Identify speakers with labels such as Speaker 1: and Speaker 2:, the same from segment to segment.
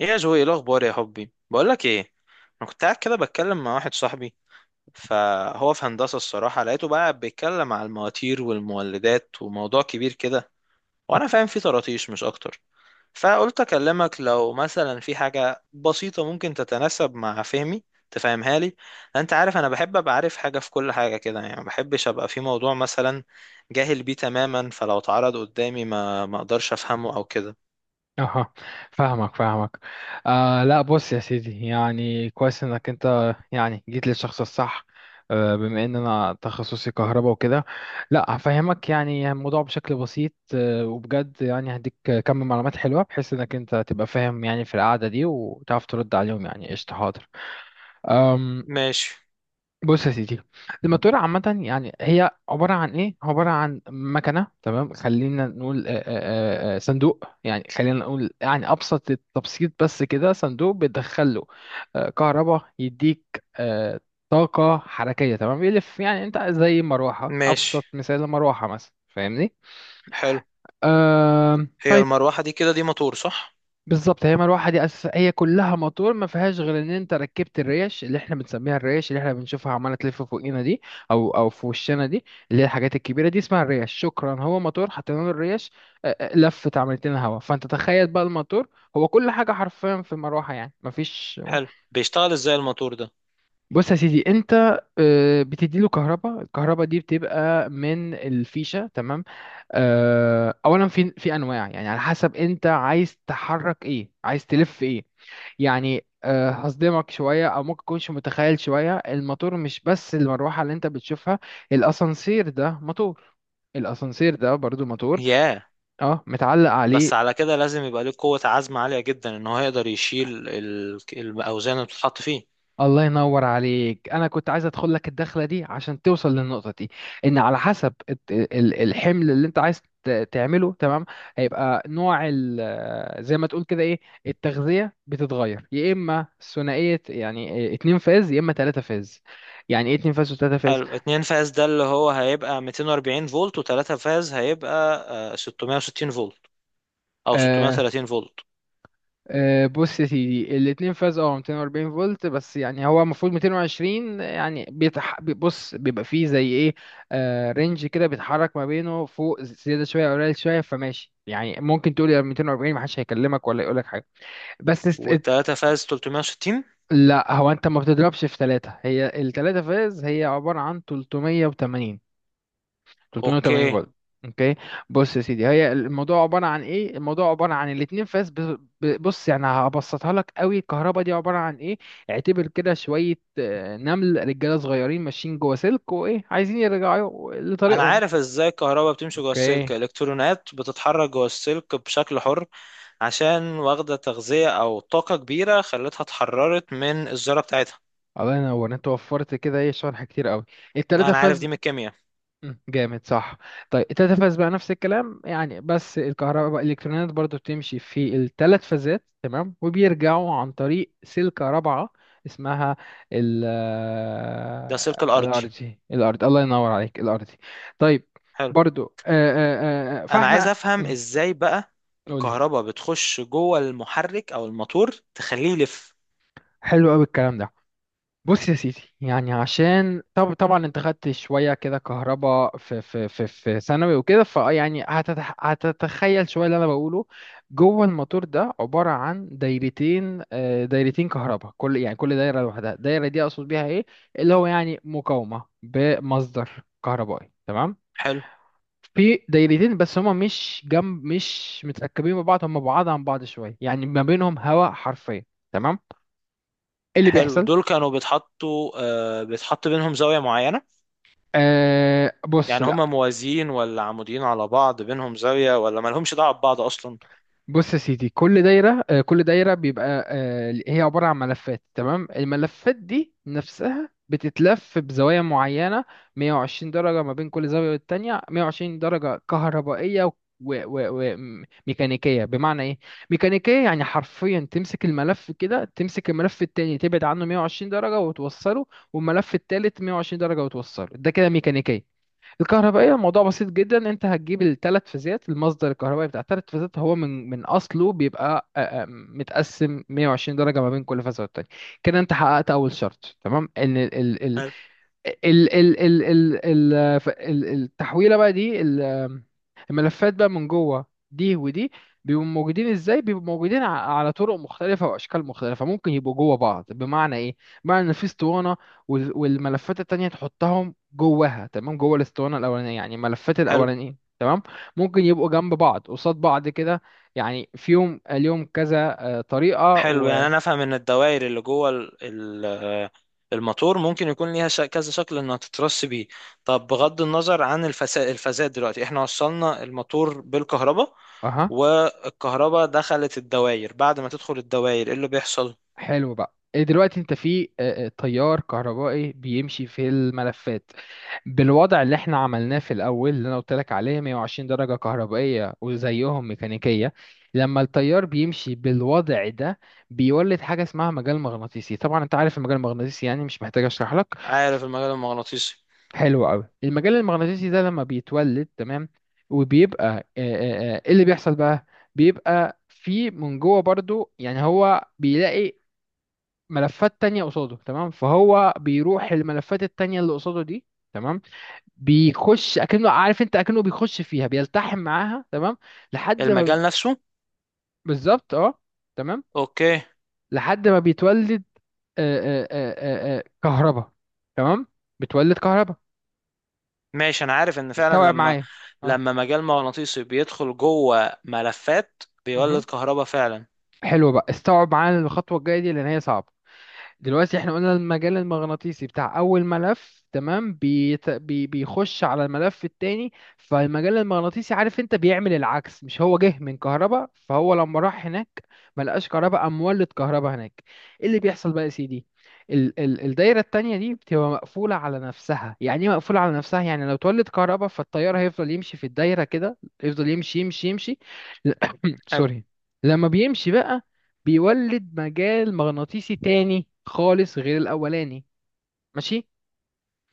Speaker 1: ايه يا جوي، ايه الاخبار يا حبي؟ بقول لك ايه، انا كنت قاعد كده بتكلم مع واحد صاحبي، فهو في هندسه الصراحه لقيته بقى بيتكلم على المواتير والمولدات وموضوع كبير كده، وانا فاهم فيه طراطيش مش اكتر. فقلت اكلمك لو مثلا في حاجه بسيطه ممكن تتناسب مع فهمي تفهمها لي. انت عارف انا بحب ابقى عارف حاجه في كل حاجه كده، يعني ما بحبش ابقى في موضوع مثلا جاهل بيه تماما، فلو اتعرض قدامي ما اقدرش افهمه او كده.
Speaker 2: اها، فاهمك فاهمك. آه، لا، بص يا سيدي، يعني كويس انك انت يعني جيت للشخص الصح. بما ان انا تخصصي كهرباء وكده، لا هفهمك يعني الموضوع بشكل بسيط، وبجد يعني هديك كم معلومات حلوة بحيث انك انت تبقى فاهم يعني في القعدة دي، وتعرف ترد عليهم. يعني قشطة، حاضر.
Speaker 1: ماشي،
Speaker 2: بص يا سيدي، الماتورة عامة يعني هي عبارة عن إيه؟ عبارة عن مكنة، تمام، خلينا نقول صندوق. يعني خلينا نقول يعني أبسط التبسيط بس كده صندوق بتدخله كهرباء، يديك طاقة حركية، تمام. يلف يعني أنت زي مروحة،
Speaker 1: ماشي.
Speaker 2: أبسط مثال مروحة مثلا، فاهمني؟
Speaker 1: حلو. هي
Speaker 2: طيب.
Speaker 1: المروحة دي كده دي موتور صح؟
Speaker 2: بالظبط، هي مروحه دي اساس هي كلها موتور، ما فيهاش غير ان انت ركبت الريش، اللي احنا بنسميها الريش، اللي احنا بنشوفها عماله تلف فوقينا دي، او في وشنا دي، اللي هي الحاجات الكبيره دي اسمها الريش، شكرا. هو موتور حطينا له الريش لفت عملت لنا هوا. فانت تخيل بقى الموتور هو كل حاجه حرفيا في المروحه، يعني ما فيش.
Speaker 1: حلو، بيشتغل ازاي الموتور ده؟
Speaker 2: بص يا سيدي، انت بتديله كهرباء، الكهرباء دي بتبقى من الفيشه، تمام. اولا في انواع يعني على حسب انت عايز تحرك ايه، عايز تلف ايه. يعني هصدمك شوية، أو ممكن تكونش متخيل شوية، الموتور مش بس المروحة اللي أنت بتشوفها، الأسانسير ده موتور، الأسانسير ده برضو موتور،
Speaker 1: ياه.
Speaker 2: اه، متعلق عليه.
Speaker 1: بس على كده لازم يبقى ليه قوة عزم عالية جدا ان هو يقدر يشيل الأوزان اللي بتتحط فيه.
Speaker 2: الله ينور عليك، انا كنت عايز ادخل لك الدخله دي عشان توصل للنقطه دي، ان على حسب الحمل اللي انت عايز تعمله، تمام. هيبقى نوع زي ما تقول كده ايه، التغذيه بتتغير، يا اما ثنائيه يعني اتنين فاز، يا اما تلاته فاز. يعني ايه اتنين فاز وتلاته فاز؟
Speaker 1: حلو، اتنين فاز ده اللي هو هيبقى 240 فولت، وتلاتة فاز هيبقى 660 فولت أو
Speaker 2: آه،
Speaker 1: 630 فولت.
Speaker 2: بص يا سيدي، الاتنين فاز 240 فولت، بس يعني هو المفروض 220، يعني بص، بيبقى فيه زي ايه، رينج كده بيتحرك ما بينه، فوق زيادة شوية أو قليل شوية، فماشي. يعني ممكن تقول يا 240، محدش هيكلمك ولا يقولك حاجة. بس است... ات-
Speaker 1: والتلاتة فاز 360؟
Speaker 2: لا هو انت ما بتضربش في ثلاثة، هي الثلاثة فاز هي عبارة عن 380، 380
Speaker 1: اوكي.
Speaker 2: فولت. اوكي. بص يا سيدي، هي الموضوع عباره عن ايه؟ الموضوع عباره عن الاتنين فاس بص، يعني هبسطها لك قوي. الكهرباء دي عباره عن ايه؟ اعتبر كده شويه نمل رجاله صغيرين ماشيين جوه سلك، وايه؟ عايزين يرجعوا
Speaker 1: انا
Speaker 2: لطريقهم.
Speaker 1: عارف ازاي الكهرباء بتمشي جوه السلك،
Speaker 2: اوكي.
Speaker 1: الالكترونات بتتحرك جوه السلك بشكل حر، عشان واخده تغذيه او طاقه كبيره خلتها اتحررت من الذره بتاعتها.
Speaker 2: الله ينور، انت وفرت كده ايه، شرح كتير قوي. التلاتة
Speaker 1: انا عارف دي
Speaker 2: فاز،
Speaker 1: من الكيمياء.
Speaker 2: جامد، صح؟ طيب التلات بقى نفس الكلام يعني، بس الكهرباء الالكترونات برضو بتمشي في الثلاث فازات، تمام، وبيرجعوا عن طريق سلكة رابعة اسمها ال...
Speaker 1: ده السلك الارضي.
Speaker 2: الارضي. الارض، الله ينور عليك، الارضي. طيب،
Speaker 1: حلو.
Speaker 2: برضو
Speaker 1: انا عايز
Speaker 2: فاحنا
Speaker 1: افهم ازاي بقى
Speaker 2: قولي.
Speaker 1: الكهرباء بتخش جوه المحرك او الموتور تخليه يلف.
Speaker 2: حلو قوي الكلام ده. بص يا سيدي، يعني عشان طبعا انت خدت شويه كده كهرباء في ثانوي وكده، ف يعني هتتخيل شويه اللي انا بقوله. جوه الموتور ده عباره عن دايرتين، دايرتين كهرباء، كل يعني كل دايره لوحدها. الدايره دي اقصد بيها ايه؟ اللي هو يعني مقاومه بمصدر كهربائي، تمام.
Speaker 1: حلو.
Speaker 2: في دايرتين بس هما مش جنب، مش متركبين ببعض، هما بعاد عن بعض شويه، يعني ما بينهم هواء حرفيا، تمام. ايه اللي
Speaker 1: حلو،
Speaker 2: بيحصل؟
Speaker 1: دول كانوا بيتحطوا آه بيتحط بينهم زاويه معينه؟
Speaker 2: بص،
Speaker 1: يعني هما موازيين ولا عموديين على بعض، بينهم زاويه ولا مالهمش دعوه ببعض اصلا؟
Speaker 2: بص يا سيدي، كل دايرة كل دايرة بيبقى هي عبارة عن ملفات، تمام. الملفات دي نفسها بتتلف بزوايا معينة، 120 درجة ما بين كل زاوية والتانية، 120 درجة كهربائية وميكانيكية. بمعنى ايه ميكانيكية؟ يعني حرفيا تمسك الملف كده، تمسك الملف التاني، تبعد عنه 120 درجة وتوصله، والملف التالت 120 درجة وتوصله، ده كده ميكانيكية. الكهربائية الموضوع بسيط جدا، انت هتجيب الثلاث فازات، المصدر الكهربائي بتاع الثلاث فازات هو من اصله بيبقى متقسم 120 درجة ما بين كل فازة والتانية. كده انت حققت اول شرط، تمام، ان
Speaker 1: حلو.
Speaker 2: التحويلة بقى دي، الملفات بقى من جوه دي ودي بيبقوا موجودين ازاي؟ بيبقوا موجودين على طرق مختلفة واشكال مختلفة. ممكن يبقوا جوه بعض، بمعنى ايه؟ بمعنى ان في اسطوانة، والملفات التانية تحطهم جواها، تمام، جوه الاسطوانة الاولانية، يعني الملفات
Speaker 1: حلو.
Speaker 2: الاولانية، تمام. ممكن يبقوا جنب بعض، قصاد بعض كده، يعني فيهم ليهم كذا طريقة.
Speaker 1: حلو، يعني
Speaker 2: و...
Speaker 1: انا افهم ان الدوائر اللي جوه ال- الموتور ممكن يكون ليها كذا شكل انها تترص بيه. طب بغض النظر عن الفساد، دلوقتي احنا وصلنا الموتور بالكهرباء
Speaker 2: اها،
Speaker 1: والكهرباء دخلت الدوائر، بعد ما تدخل الدوائر ايه اللي بيحصل؟
Speaker 2: حلو بقى. إيه دلوقتي؟ انت في تيار كهربائي بيمشي في الملفات بالوضع اللي احنا عملناه في الاول، اللي انا قلت لك عليه 120 درجة كهربائية وزيهم ميكانيكية. لما التيار بيمشي بالوضع ده، بيولد حاجة اسمها مجال مغناطيسي. طبعا انت عارف المجال المغناطيسي يعني، مش محتاج اشرح لك.
Speaker 1: عارف المجال المغناطيسي.
Speaker 2: حلو قوي. المجال المغناطيسي ده لما بيتولد، تمام، وبيبقى ايه اللي بيحصل بقى؟ بيبقى في من جوه برضو، يعني هو بيلاقي ملفات تانية قصاده، تمام، فهو بيروح الملفات التانية اللي قصاده دي، تمام، بيخش، اكنه عارف انت، اكنه بيخش فيها، بيلتحم معاها، تمام، لحد ما ب-
Speaker 1: المجال نفسه.
Speaker 2: بالظبط، اه، تمام.
Speaker 1: اوكي.
Speaker 2: لحد ما بيتولد كهرباء، تمام، بتولد كهرباء.
Speaker 1: ماشي. انا عارف ان فعلا
Speaker 2: استوعب
Speaker 1: لما
Speaker 2: معايا، اه.
Speaker 1: لما مجال مغناطيسي بيدخل جوه ملفات
Speaker 2: مهم.
Speaker 1: بيولد كهرباء فعلا.
Speaker 2: حلو بقى، استوعب معايا الخطوة الجاية دي لان هي صعبة. دلوقتي احنا قلنا المجال المغناطيسي بتاع اول ملف، تمام، بيخش على الملف التاني. فالمجال المغناطيسي عارف انت بيعمل العكس، مش هو جه من كهرباء؟ فهو لما راح هناك ملقاش كهرباء، قام مولد كهرباء هناك. ايه اللي بيحصل بقى يا سيدي؟ الدايرة التانية دي بتبقى مقفولة على نفسها. يعني ايه مقفولة على نفسها؟ يعني لو اتولد كهرباء فالتيار هيفضل يمشي في الدايرة كده، يفضل يمشي يمشي يمشي.
Speaker 1: حلو.
Speaker 2: سوري. لما بيمشي بقى، بيولد مجال مغناطيسي تاني خالص غير الأولاني. ماشي؟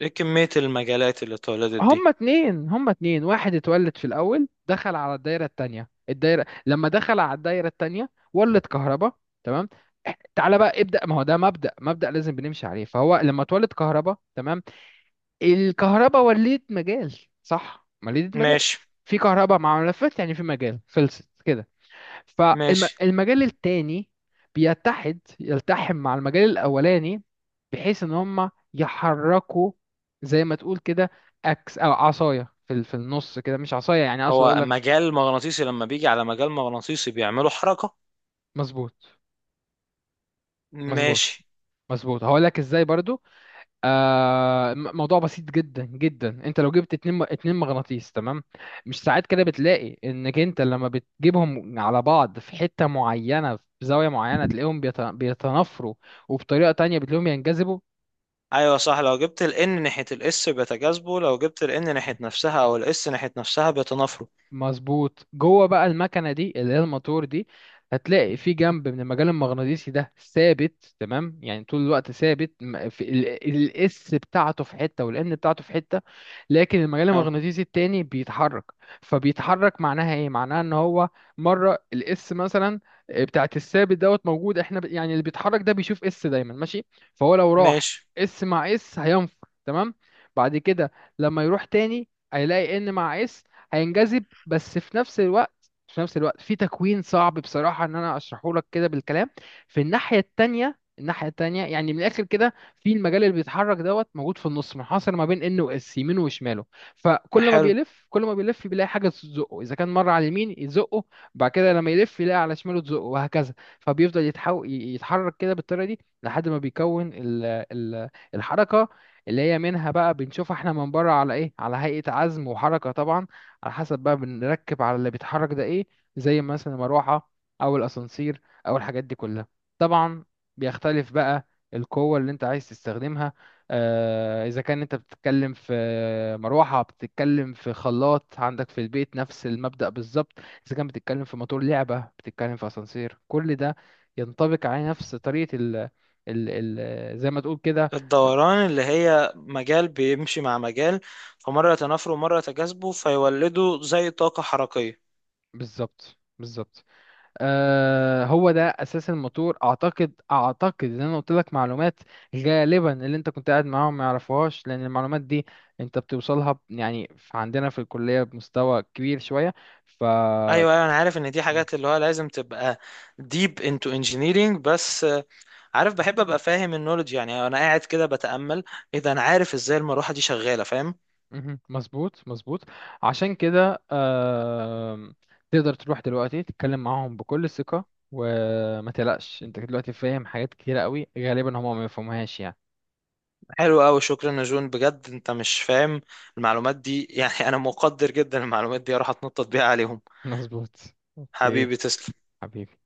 Speaker 1: ايه كمية المجالات اللي اتولدت دي؟
Speaker 2: هما اتنين، هما اتنين، واحد اتولد في الأول، دخل على الدايرة التانية، الدايرة لما دخل على الدايرة التانية ولد كهرباء، تمام. تعالى بقى ابدأ، ما هو ده مبدأ، مبدأ لازم بنمشي عليه. فهو لما اتولد كهرباء، تمام، الكهرباء ولدت مجال، صح، ولدت مجال.
Speaker 1: ماشي،
Speaker 2: في كهرباء مع ملفات يعني في مجال، خلصت كده.
Speaker 1: ماشي.
Speaker 2: فالمجال التاني بيتحد، يلتحم مع المجال الأولاني، بحيث إن هما يحركوا زي ما تقول كده أكس، أو عصاية في في النص كده، مش عصاية يعني، أقصد
Speaker 1: هو
Speaker 2: أقول لك...
Speaker 1: مجال مغناطيسي لما بيجي على مجال مغناطيسي بيعملوا حركة؟
Speaker 2: مظبوط، مظبوط.
Speaker 1: ماشي.
Speaker 2: مظبوط، هقول لك إزاي برضو. موضوع بسيط جدا جدا، أنت لو جبت اتنين اتنين مغناطيس، تمام، مش ساعات كده بتلاقي إنك أنت لما بتجيبهم على بعض في حتة معينة، في زاوية معينة، تلاقيهم بيتنافروا، وبطريقة تانية بتلاقيهم ينجذبوا.
Speaker 1: ايوه صح، لو جبت ال N ناحية ال S بيتجاذبوا، لو جبت ال N ناحية نفسها او ال S ناحية نفسها بيتنافروا.
Speaker 2: مظبوط. جوه بقى المكنه دي اللي هي الموتور دي، هتلاقي في جنب من المجال المغناطيسي ده ثابت، تمام، يعني طول الوقت ثابت، في الاس بتاعته في حته، والان بتاعته في حته، لكن المجال
Speaker 1: حلو.
Speaker 2: المغناطيسي التاني بيتحرك. فبيتحرك، معناها ايه؟ معناها ان هو مره الاس مثلا بتاعت الثابت دوت موجود، احنا يعني اللي بيتحرك ده بيشوف اس دايما ماشي. فهو لو راح
Speaker 1: ماشي.
Speaker 2: اس مع اس، هينفر، تمام. بعد كده لما يروح تاني هيلاقي ان مع اس، هينجذب. بس في نفس الوقت، في نفس الوقت، في تكوين صعب بصراحة ان انا اشرحه لك كده بالكلام. في الناحية التانية، الناحية التانية يعني من الآخر كده، في المجال اللي بيتحرك دوت موجود في النص، منحصر ما بين إن وإس، يمينه وشماله. فكل ما
Speaker 1: حلو،
Speaker 2: بيلف، كل ما بيلف بيلاقي حاجة تزقه. إذا كان مرة على اليمين يزقه، بعد كده لما يلف يلاقي على شماله تزقه، وهكذا. فبيفضل يتحرك كده بالطريقة دي، لحد ما بيكون ال... الحركة اللي هي منها بقى بنشوفها احنا من بره على ايه؟ على هيئة عزم وحركة طبعا. على حسب بقى بنركب على اللي بيتحرك ده ايه، زي مثلا المروحة، او الاسانسير، او الحاجات دي كلها. طبعا بيختلف بقى القوة اللي انت عايز تستخدمها. آه اذا كان انت بتتكلم في مروحة، بتتكلم في خلاط عندك في البيت، نفس المبدأ بالظبط. اذا كان بتتكلم في موتور لعبة، بتتكلم في اسانسير، كل ده ينطبق على نفس طريقة ال ال ال زي ما تقول كده.
Speaker 1: الدوران اللي هي مجال بيمشي مع مجال، فمرة يتنافروا ومرة يتجاذبوا فيولدوا زي طاقة حركية.
Speaker 2: بالظبط، بالظبط. آه هو ده اساس الموتور. اعتقد، اعتقد ان انا قلت لك معلومات غالبا اللي انت كنت قاعد معاهم ما يعرفوهاش، لان المعلومات دي انت بتوصلها عندنا في الكليه بمستوى كبير شويه. ف...
Speaker 1: ايوه، ايوه، انا عارف ان دي
Speaker 2: م-
Speaker 1: حاجات اللي هو لازم تبقى deep into engineering، بس عارف بحب ابقى فاهم النولج، يعني انا قاعد كده بتامل، اذا انا عارف ازاي المروحه دي شغاله فاهم.
Speaker 2: مهم. مظبوط، مظبوط. عشان كده آه، تقدر تروح دلوقتي تتكلم معاهم بكل ثقه، وما تقلقش، انت دلوقتي فاهم حاجات كتيره قوي غالبا هم ما يفهموهاش يعني.
Speaker 1: حلو قوي، شكرا يا جون بجد، انت مش فاهم المعلومات دي يعني انا مقدر جدا المعلومات دي اروح اتنطط بيها عليهم.
Speaker 2: مظبوط. اوكي
Speaker 1: حبيبي، تسلم.
Speaker 2: حبيبي.